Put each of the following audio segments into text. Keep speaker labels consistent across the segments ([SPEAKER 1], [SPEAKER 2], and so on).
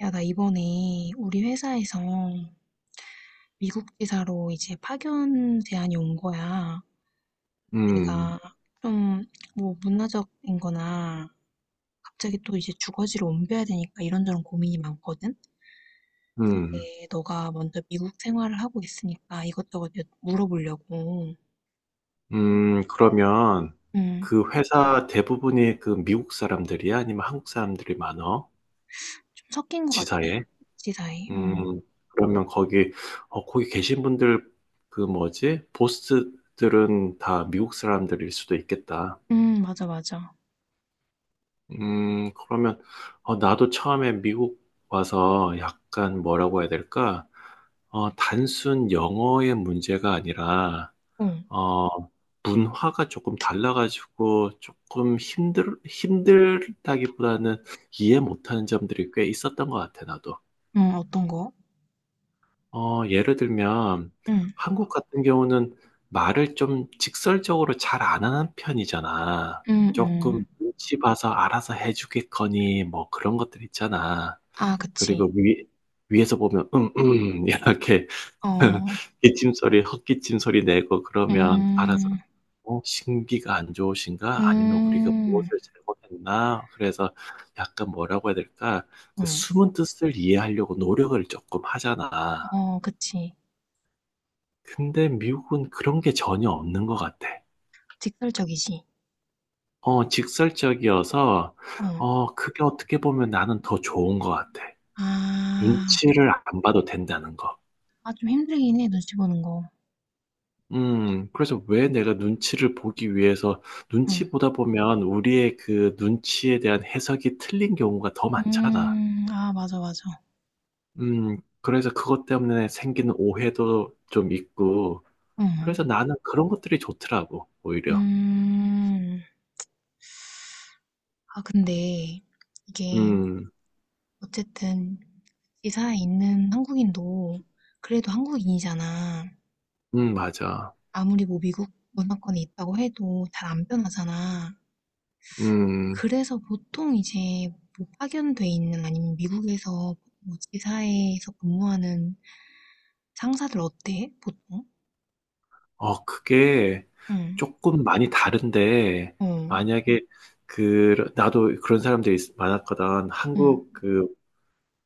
[SPEAKER 1] 야, 나 이번에 우리 회사에서 미국 지사로 이제 파견 제안이 온 거야.
[SPEAKER 2] 음,
[SPEAKER 1] 내가 좀 뭐 문화적인 거나 갑자기 또 이제 주거지를 옮겨야 되니까 이런저런 고민이 많거든?
[SPEAKER 2] 음,
[SPEAKER 1] 근데 너가 먼저 미국 생활을 하고 있으니까 이것저것 물어보려고.
[SPEAKER 2] 그러면
[SPEAKER 1] 응.
[SPEAKER 2] 그 회사 대부분이 그 미국 사람들이야? 아니면 한국 사람들이 많어?
[SPEAKER 1] 좀 섞인 것 같아.
[SPEAKER 2] 지사에?
[SPEAKER 1] 지사에. 응,
[SPEAKER 2] 음, 그러면 거기, 거기 계신 분들, 그 뭐지? 보스들은 다 미국 사람들일 수도 있겠다.
[SPEAKER 1] 응, 맞아, 맞아.
[SPEAKER 2] 그러면, 나도 처음에 미국 와서 약간 뭐라고 해야 될까? 단순 영어의 문제가 아니라,
[SPEAKER 1] 어,
[SPEAKER 2] 어, 문화가 조금 달라가지고 조금 힘들다기보다는 이해 못하는 점들이 꽤 있었던 것 같아, 나도.
[SPEAKER 1] 응, 어떤 거?
[SPEAKER 2] 예를 들면,
[SPEAKER 1] 응,
[SPEAKER 2] 한국 같은 경우는 말을 좀 직설적으로 잘 안 하는 편이잖아.
[SPEAKER 1] 응, 응.
[SPEAKER 2] 조금 눈치 봐서 알아서 해주겠거니, 뭐 그런 것들 있잖아.
[SPEAKER 1] 아,
[SPEAKER 2] 그리고
[SPEAKER 1] 그치.
[SPEAKER 2] 위에서 보면, 이렇게
[SPEAKER 1] 어,
[SPEAKER 2] 기침 소리, 헛기침 소리 내고 그러면 알아서
[SPEAKER 1] 음.
[SPEAKER 2] '어 신기가 안 좋으신가? 아니면 우리가
[SPEAKER 1] 음.
[SPEAKER 2] 무엇을 잘못했나?' 그래서 약간 뭐라고 해야 될까? 그
[SPEAKER 1] 응.
[SPEAKER 2] 숨은 뜻을 이해하려고 노력을 쪼끔 하잖아.
[SPEAKER 1] 어 그치.
[SPEAKER 2] 근데 미국은 그런 게 전혀 없는 것 같아.
[SPEAKER 1] 직설적이지.
[SPEAKER 2] 직설적이어서
[SPEAKER 1] 어.
[SPEAKER 2] 그게 어떻게 보면 나는 더 좋은 것 같아.
[SPEAKER 1] 아.
[SPEAKER 2] 눈치를 안 봐도 된다는 거.
[SPEAKER 1] 아 좀 힘들긴 해 눈치 보는 거.
[SPEAKER 2] 그래서 왜 내가 눈치를 보기 위해서
[SPEAKER 1] 응.
[SPEAKER 2] 눈치 보다 보면 우리의 그 눈치에 대한 해석이 틀린 경우가 더 많잖아.
[SPEAKER 1] 음. 아 맞아, 맞아.
[SPEAKER 2] 그래서 그것 때문에 생기는 오해도 좀 있고,
[SPEAKER 1] 응.
[SPEAKER 2] 그래서 나는 그런 것들이 좋더라고, 오히려.
[SPEAKER 1] 음. 아 근데 이게
[SPEAKER 2] 음,
[SPEAKER 1] 어쨌든 지사에 있는 한국인도 그래도 한국인이잖아.
[SPEAKER 2] 맞아.
[SPEAKER 1] 아무리 뭐 미국 문화권에 있다고 해도 잘 안 변하잖아.
[SPEAKER 2] 음,
[SPEAKER 1] 그래서 보통 이제 뭐 파견돼 있는 아니면 미국에서 뭐 지사에서 근무하는 상사들 어때? 보통?
[SPEAKER 2] 그게
[SPEAKER 1] 응,
[SPEAKER 2] 조금 많이 다른데,
[SPEAKER 1] 어,
[SPEAKER 2] 만약에 그, 나도 그런 사람들이 많았거든.
[SPEAKER 1] 응,
[SPEAKER 2] 한국 그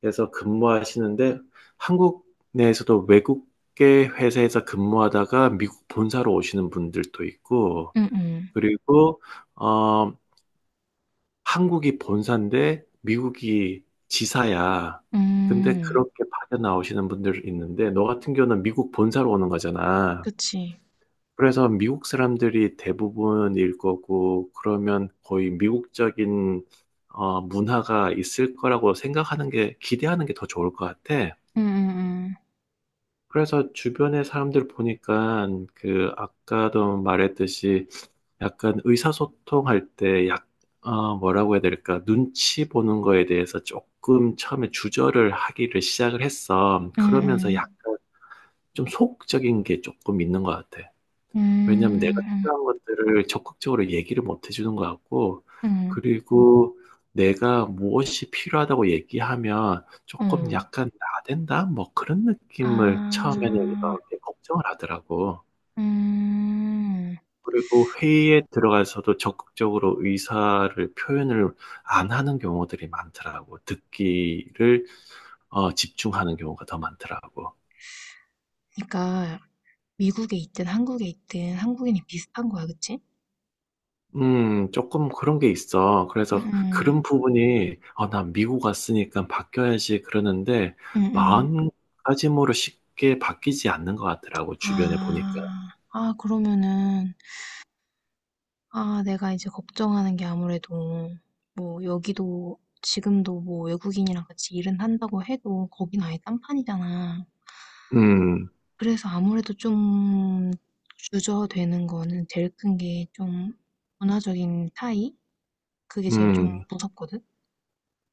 [SPEAKER 2] 그래서 근무하시는데 한국 내에서도 외국계 회사에서 근무하다가 미국 본사로 오시는 분들도 있고
[SPEAKER 1] 응, 응,
[SPEAKER 2] 그리고 어, 한국이 본사인데 미국이 지사야. 근데
[SPEAKER 1] 음,
[SPEAKER 2] 그렇게 파견 나오시는 분들 있는데 너 같은 경우는 미국 본사로 오는 거잖아.
[SPEAKER 1] 그치.
[SPEAKER 2] 그래서 미국 사람들이 대부분일 거고 그러면 거의 미국적인 문화가 있을 거라고 생각하는 게 기대하는 게 더 좋을 것 같아.
[SPEAKER 1] 응, 응,
[SPEAKER 2] 그래서 주변의 사람들 보니까 그 아까도 말했듯이 약간 의사소통할 때 뭐라고 해야 될까? 눈치 보는 거에 대해서 조금 처음에 주저를 하기를 시작을 했어.
[SPEAKER 1] 응,
[SPEAKER 2] 그러면서
[SPEAKER 1] 응,
[SPEAKER 2] 약간 좀 소극적인 게 조금 있는 것 같아.
[SPEAKER 1] 응,
[SPEAKER 2] 왜냐면 하 내가
[SPEAKER 1] 응,
[SPEAKER 2] 필요한 것들을 적극적으로 얘기를 못 해주는 것 같고,
[SPEAKER 1] 응,
[SPEAKER 2] 그리고 내가 무엇이 필요하다고 얘기하면
[SPEAKER 1] 응,
[SPEAKER 2] 조금
[SPEAKER 1] 어,
[SPEAKER 2] 약간 나댄다? 뭐 그런 느낌을
[SPEAKER 1] 아,
[SPEAKER 2] 처음에는 이렇게 걱정을 하더라고.
[SPEAKER 1] 음.
[SPEAKER 2] 그리고 회의에 들어가서도 적극적으로 의사를 표현을 안 하는 경우들이 많더라고. 듣기를 집중하는 경우가 더 많더라고.
[SPEAKER 1] 그러니까 미국에 있든 한국에 있든 한국인이 비슷한 거야, 그치?
[SPEAKER 2] 조금 그런 게 있어.
[SPEAKER 1] 응,
[SPEAKER 2] 그래서
[SPEAKER 1] 응,
[SPEAKER 2] 그런 부분이, 난 미국 왔으니까 바뀌어야지 그러는데,
[SPEAKER 1] 응, 응.
[SPEAKER 2] 마음가짐으로 쉽게 바뀌지 않는 것 같더라고, 주변에 보니까.
[SPEAKER 1] 아, 아, 그러면은 아, 내가 이제 걱정하는 게 아무래도 뭐 여기도 지금도 뭐 외국인이랑 같이 일은 한다고 해도 거긴 아예 딴판이잖아.
[SPEAKER 2] 음,
[SPEAKER 1] 그래서 아무래도 좀 주저되는 거는 제일 큰 게 좀 문화적인 차이? 그게 제일 좀
[SPEAKER 2] 음,
[SPEAKER 1] 무섭거든?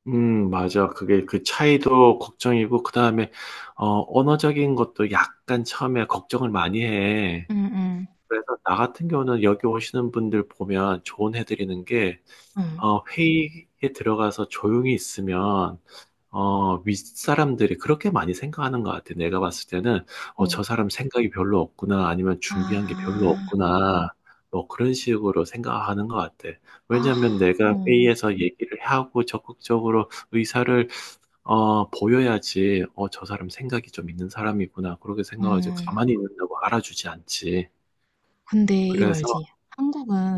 [SPEAKER 2] 맞아. 그게 그 차이도 걱정이고, 그 다음에, 언어적인 것도 약간 처음에 걱정을 많이 해.
[SPEAKER 1] 응, 응,
[SPEAKER 2] 그래서 나 같은 경우는 여기 오시는 분들 보면 조언해드리는 게,
[SPEAKER 1] 응,
[SPEAKER 2] 회의에 들어가서 조용히 있으면, 윗사람들이 그렇게 많이 생각하는 것 같아. 내가 봤을 때는,
[SPEAKER 1] 어.
[SPEAKER 2] 저 사람 생각이 별로 없구나, 아니면 준비한 게 별로
[SPEAKER 1] 아,
[SPEAKER 2] 없구나, 뭐 그런 식으로 생각하는 것 같아.
[SPEAKER 1] 아,
[SPEAKER 2] 왜냐하면 내가
[SPEAKER 1] 어,
[SPEAKER 2] 회의에서 얘기를 하고 적극적으로 의사를, 보여야지, 저 사람 생각이 좀 있는 사람이구나, 그렇게 생각하지.
[SPEAKER 1] 음.
[SPEAKER 2] 가만히 있는다고 알아주지 않지.
[SPEAKER 1] 근데 이거
[SPEAKER 2] 그래서,
[SPEAKER 1] 알지?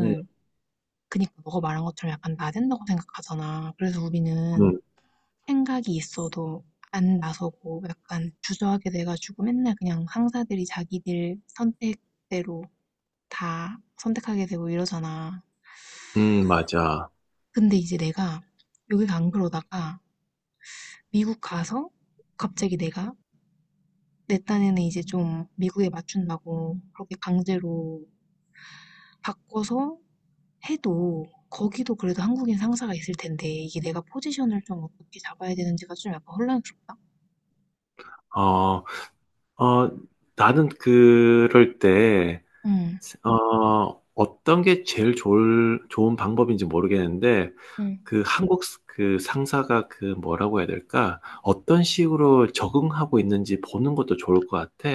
[SPEAKER 2] 음,
[SPEAKER 1] 그니까 너가 말한 것처럼 약간 나댄다고 생각하잖아. 그래서 우리는
[SPEAKER 2] 음,
[SPEAKER 1] 생각이 있어도 안 나서고 약간 주저하게 돼 가지고 맨날 그냥 상사들이 자기들 선택대로 다 선택하게 되고 이러잖아.
[SPEAKER 2] 맞아.
[SPEAKER 1] 근데 이제 내가 여기가 안 그러다가 미국 가서 갑자기 내가 내 딴에는 이제 좀 미국에 맞춘다고 그렇게 강제로 바꿔서 해도 거기도 그래도 한국인 상사가 있을 텐데 이게 내가 포지션을 좀 어떻게 잡아야 되는지가 좀 약간 혼란스럽다.
[SPEAKER 2] 어, 어, 나는 그럴 때,
[SPEAKER 1] 응,
[SPEAKER 2] 어떤 게 제일 좋을 좋은 방법인지 모르겠는데
[SPEAKER 1] 응.
[SPEAKER 2] 그 한국 그 상사가 그 뭐라고 해야 될까? 어떤 식으로 적응하고 있는지 보는 것도 좋을 것 같아.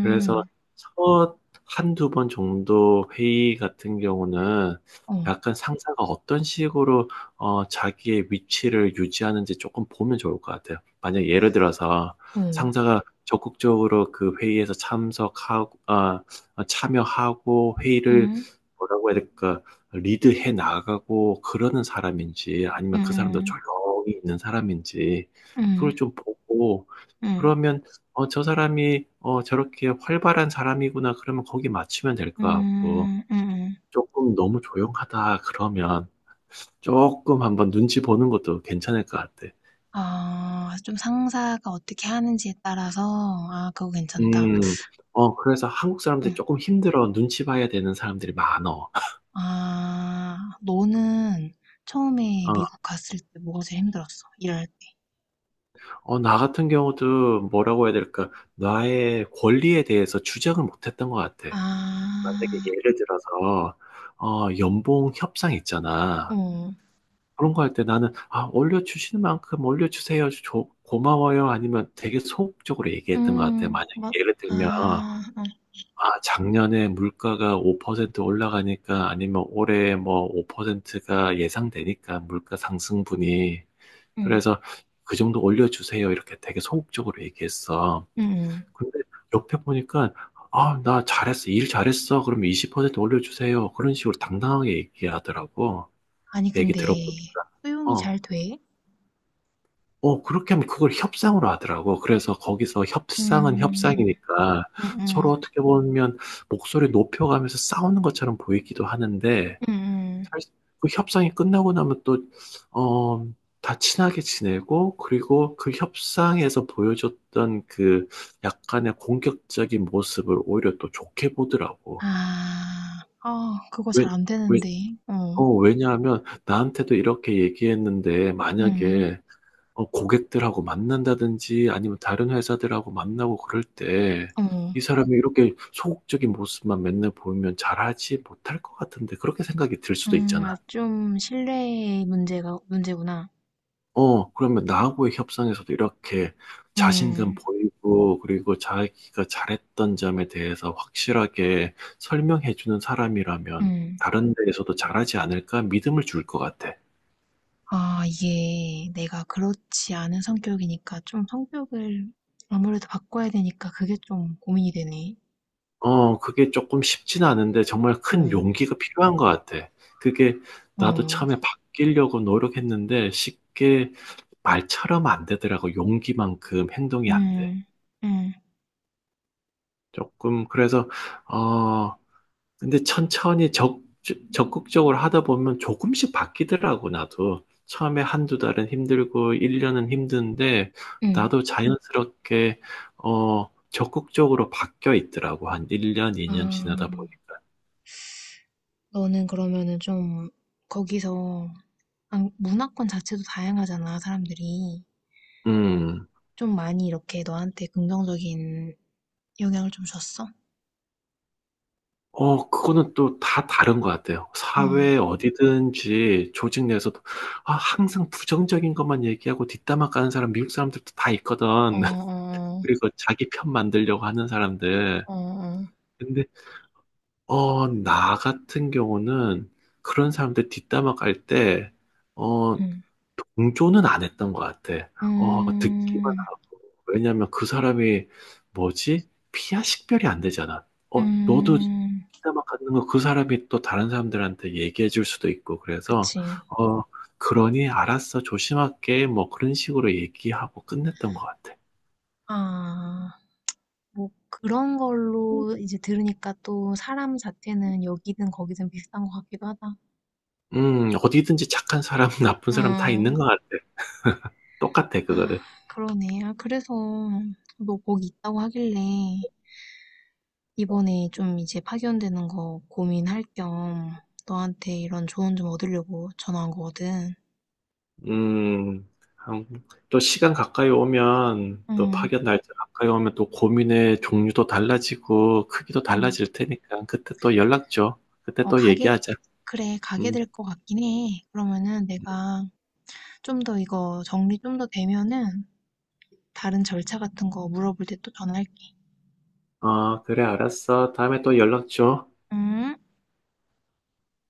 [SPEAKER 2] 그래서 첫 한두 번 정도 회의 같은 경우는
[SPEAKER 1] 어,
[SPEAKER 2] 약간 상사가 어떤 식으로 자기의 위치를 유지하는지 조금 보면 좋을 것 같아요. 만약 예를 들어서
[SPEAKER 1] 응.
[SPEAKER 2] 상사가 적극적으로 그 회의에서 참석하고, 참여하고 회의를
[SPEAKER 1] 음.
[SPEAKER 2] 뭐라고 해야 될까? 리드해 나가고 그러는 사람인지 아니면 그 사람도
[SPEAKER 1] 음음.
[SPEAKER 2] 조용히 있는 사람인지 그걸
[SPEAKER 1] 음.
[SPEAKER 2] 좀 보고
[SPEAKER 1] 음.
[SPEAKER 2] 그러면 저 사람이 저렇게 활발한 사람이구나 그러면 거기 맞추면 될 것 같고
[SPEAKER 1] 음. 음음.
[SPEAKER 2] 조금 너무 조용하다 그러면 조금 한번 눈치 보는 것도 괜찮을 것 같아.
[SPEAKER 1] 아 좀 상사가 어떻게 하는지에 따라서 아 그거 괜찮다.
[SPEAKER 2] 음, 그래서 한국
[SPEAKER 1] 어.
[SPEAKER 2] 사람들이 조금 힘들어 눈치 봐야 되는 사람들이 많어.
[SPEAKER 1] 아 너는 처음에
[SPEAKER 2] 어,
[SPEAKER 1] 미국 갔을 때 뭐가 제일 힘들었어? 일할 때.
[SPEAKER 2] 나 같은 경우도 뭐라고 해야 될까? 나의 권리에 대해서 주장을 못했던 것 같아. 만약에
[SPEAKER 1] 아.
[SPEAKER 2] 예를 들어서 연봉 협상 있잖아.
[SPEAKER 1] 어.
[SPEAKER 2] 그런 거 할 때 나는 아, 올려주시는 만큼 올려주세요. 고마워요. 아니면 되게 소극적으로 얘기했던 것 같아.
[SPEAKER 1] 음.
[SPEAKER 2] 만약에
[SPEAKER 1] 맞
[SPEAKER 2] 예를 들면
[SPEAKER 1] 아. 어.
[SPEAKER 2] 아, 작년에 물가가 5% 올라가니까 아니면 올해 뭐 5%가 예상되니까 물가 상승분이
[SPEAKER 1] 음.
[SPEAKER 2] 그래서 그 정도 올려주세요. 이렇게 되게 소극적으로 얘기했어.
[SPEAKER 1] 음음.
[SPEAKER 2] 근데 옆에 보니까 "아 나 잘했어. 일 잘했어. 그러면 20% 올려주세요." 그런 식으로 당당하게 얘기하더라고.
[SPEAKER 1] 아니
[SPEAKER 2] 얘기
[SPEAKER 1] 근데
[SPEAKER 2] 들어보니까.
[SPEAKER 1] 수용이 잘 돼?
[SPEAKER 2] 어 그렇게 하면 그걸 협상으로 하더라고. 그래서 거기서 협상은
[SPEAKER 1] 음.
[SPEAKER 2] 협상이니까
[SPEAKER 1] 음음.
[SPEAKER 2] 서로 어떻게 보면 목소리 높여가면서 싸우는 것처럼 보이기도 하는데
[SPEAKER 1] 음음.
[SPEAKER 2] 사실 그 협상이 끝나고 나면 또, 어, 다 친하게 지내고, 그리고 그 협상에서 보여줬던 그 약간의 공격적인 모습을 오히려 또 좋게 보더라고.
[SPEAKER 1] 아. 아 그거
[SPEAKER 2] 왜,
[SPEAKER 1] 잘 안
[SPEAKER 2] 왜,
[SPEAKER 1] 되는데. 어.
[SPEAKER 2] 왜냐하면 나한테도 이렇게 얘기했는데,
[SPEAKER 1] 음.
[SPEAKER 2] 만약에 고객들하고 만난다든지 아니면 다른 회사들하고 만나고 그럴 때,
[SPEAKER 1] 어.
[SPEAKER 2] 이 사람이 이렇게 소극적인 모습만 맨날 보이면 잘하지 못할 것 같은데, 그렇게 생각이 들 수도
[SPEAKER 1] 음. 아
[SPEAKER 2] 있잖아.
[SPEAKER 1] 좀 신뢰의 문제가 문제구나.
[SPEAKER 2] 그러면 나하고의 협상에서도 이렇게 자신감
[SPEAKER 1] 음.
[SPEAKER 2] 보이고, 그리고 자기가 잘했던 점에 대해서 확실하게 설명해주는 사람이라면
[SPEAKER 1] 음.
[SPEAKER 2] 다른 데에서도 잘하지 않을까 믿음을 줄 것 같아.
[SPEAKER 1] 아 이게 내가 그렇지 않은 성격이니까 좀 성격을 아무래도 바꿔야 되니까 그게 좀 고민이 되네.
[SPEAKER 2] 그게 조금 쉽진 않은데 정말 큰
[SPEAKER 1] 어.
[SPEAKER 2] 용기가 필요한 것 같아. 그게 나도
[SPEAKER 1] 어.
[SPEAKER 2] 처음에 바뀌려고 노력했는데 쉽게 말처럼 안 되더라고. 용기만큼 행동이 안 돼.
[SPEAKER 1] 음. 음.
[SPEAKER 2] 조금, 그래서, 어, 근데 천천히 적극적으로 하다 보면 조금씩 바뀌더라고, 나도. 처음에 한두 달은 힘들고, 1년은 힘든데,
[SPEAKER 1] 음.
[SPEAKER 2] 나도 자연스럽게, 적극적으로 바뀌어 있더라고. 한 1년,
[SPEAKER 1] 아.
[SPEAKER 2] 2년 지나다 보니까.
[SPEAKER 1] 너는 그러면은 좀 거기서 안 문화권 자체도 다양하잖아, 사람들이.
[SPEAKER 2] 음.
[SPEAKER 1] 좀 많이 이렇게 너한테 긍정적인 영향을 좀 줬어?
[SPEAKER 2] 그거는 또 다 다른 것 같아요.
[SPEAKER 1] 음,
[SPEAKER 2] 사회 어디든지 조직 내에서도, 항상 부정적인 것만 얘기하고 뒷담화 까는 사람, 미국 사람들도 다 있거든.
[SPEAKER 1] 어, 어,
[SPEAKER 2] 그리고 자기 편 만들려고 하는 사람들.
[SPEAKER 1] 어, 어,
[SPEAKER 2] 근데 나 같은 경우는 그런 사람들 뒷담화 깔때 어,
[SPEAKER 1] 음,
[SPEAKER 2] 동조는 안 했던 것 같아. 듣기만
[SPEAKER 1] 음,
[SPEAKER 2] 하고. 왜냐면 그 사람이 뭐지? 피야 식별이 안 되잖아. 너도
[SPEAKER 1] 음,
[SPEAKER 2] 뒷담화 갖는 거 그 사람이 또 다른 사람들한테 얘기해 줄 수도 있고 그래서
[SPEAKER 1] 그치.
[SPEAKER 2] 어, 그러니 알았어. 조심할게. 뭐 그런 식으로 얘기하고 끝냈던 것 같아.
[SPEAKER 1] 아, 뭐 그런 걸로 이제 들으니까 또 사람 자체는 여기든 거기든 비슷한 것 같기도 하다.
[SPEAKER 2] 어디든지 착한 사람, 나쁜 사람 다 있는
[SPEAKER 1] 음,
[SPEAKER 2] 것 같아. 똑같아,
[SPEAKER 1] 아,
[SPEAKER 2] 그거는.
[SPEAKER 1] 그러네. 아, 그래서 너 거기 있다고 하길래 이번에 좀 이제 파견되는 거 고민할 겸 너한테 이런 조언 좀 얻으려고 전화한 거거든.
[SPEAKER 2] 음, 한- 또 시간 가까이 오면, 또
[SPEAKER 1] 응,
[SPEAKER 2] 파견 날짜 가까이 오면 또 고민의 종류도 달라지고, 크기도
[SPEAKER 1] 응.
[SPEAKER 2] 달라질 테니까, 그때 또 연락 줘. 그때
[SPEAKER 1] 어,
[SPEAKER 2] 또
[SPEAKER 1] 가게,
[SPEAKER 2] 얘기하자.
[SPEAKER 1] 그래, 가게
[SPEAKER 2] 음,
[SPEAKER 1] 될 것 같긴 해. 그러면은 내가 좀 더 이거 정리 좀 더 되면은 다른 절차 같은 거 물어볼 때 또 전화할게.
[SPEAKER 2] 그래, 알았어. 다음에 또 연락 줘.
[SPEAKER 1] 응.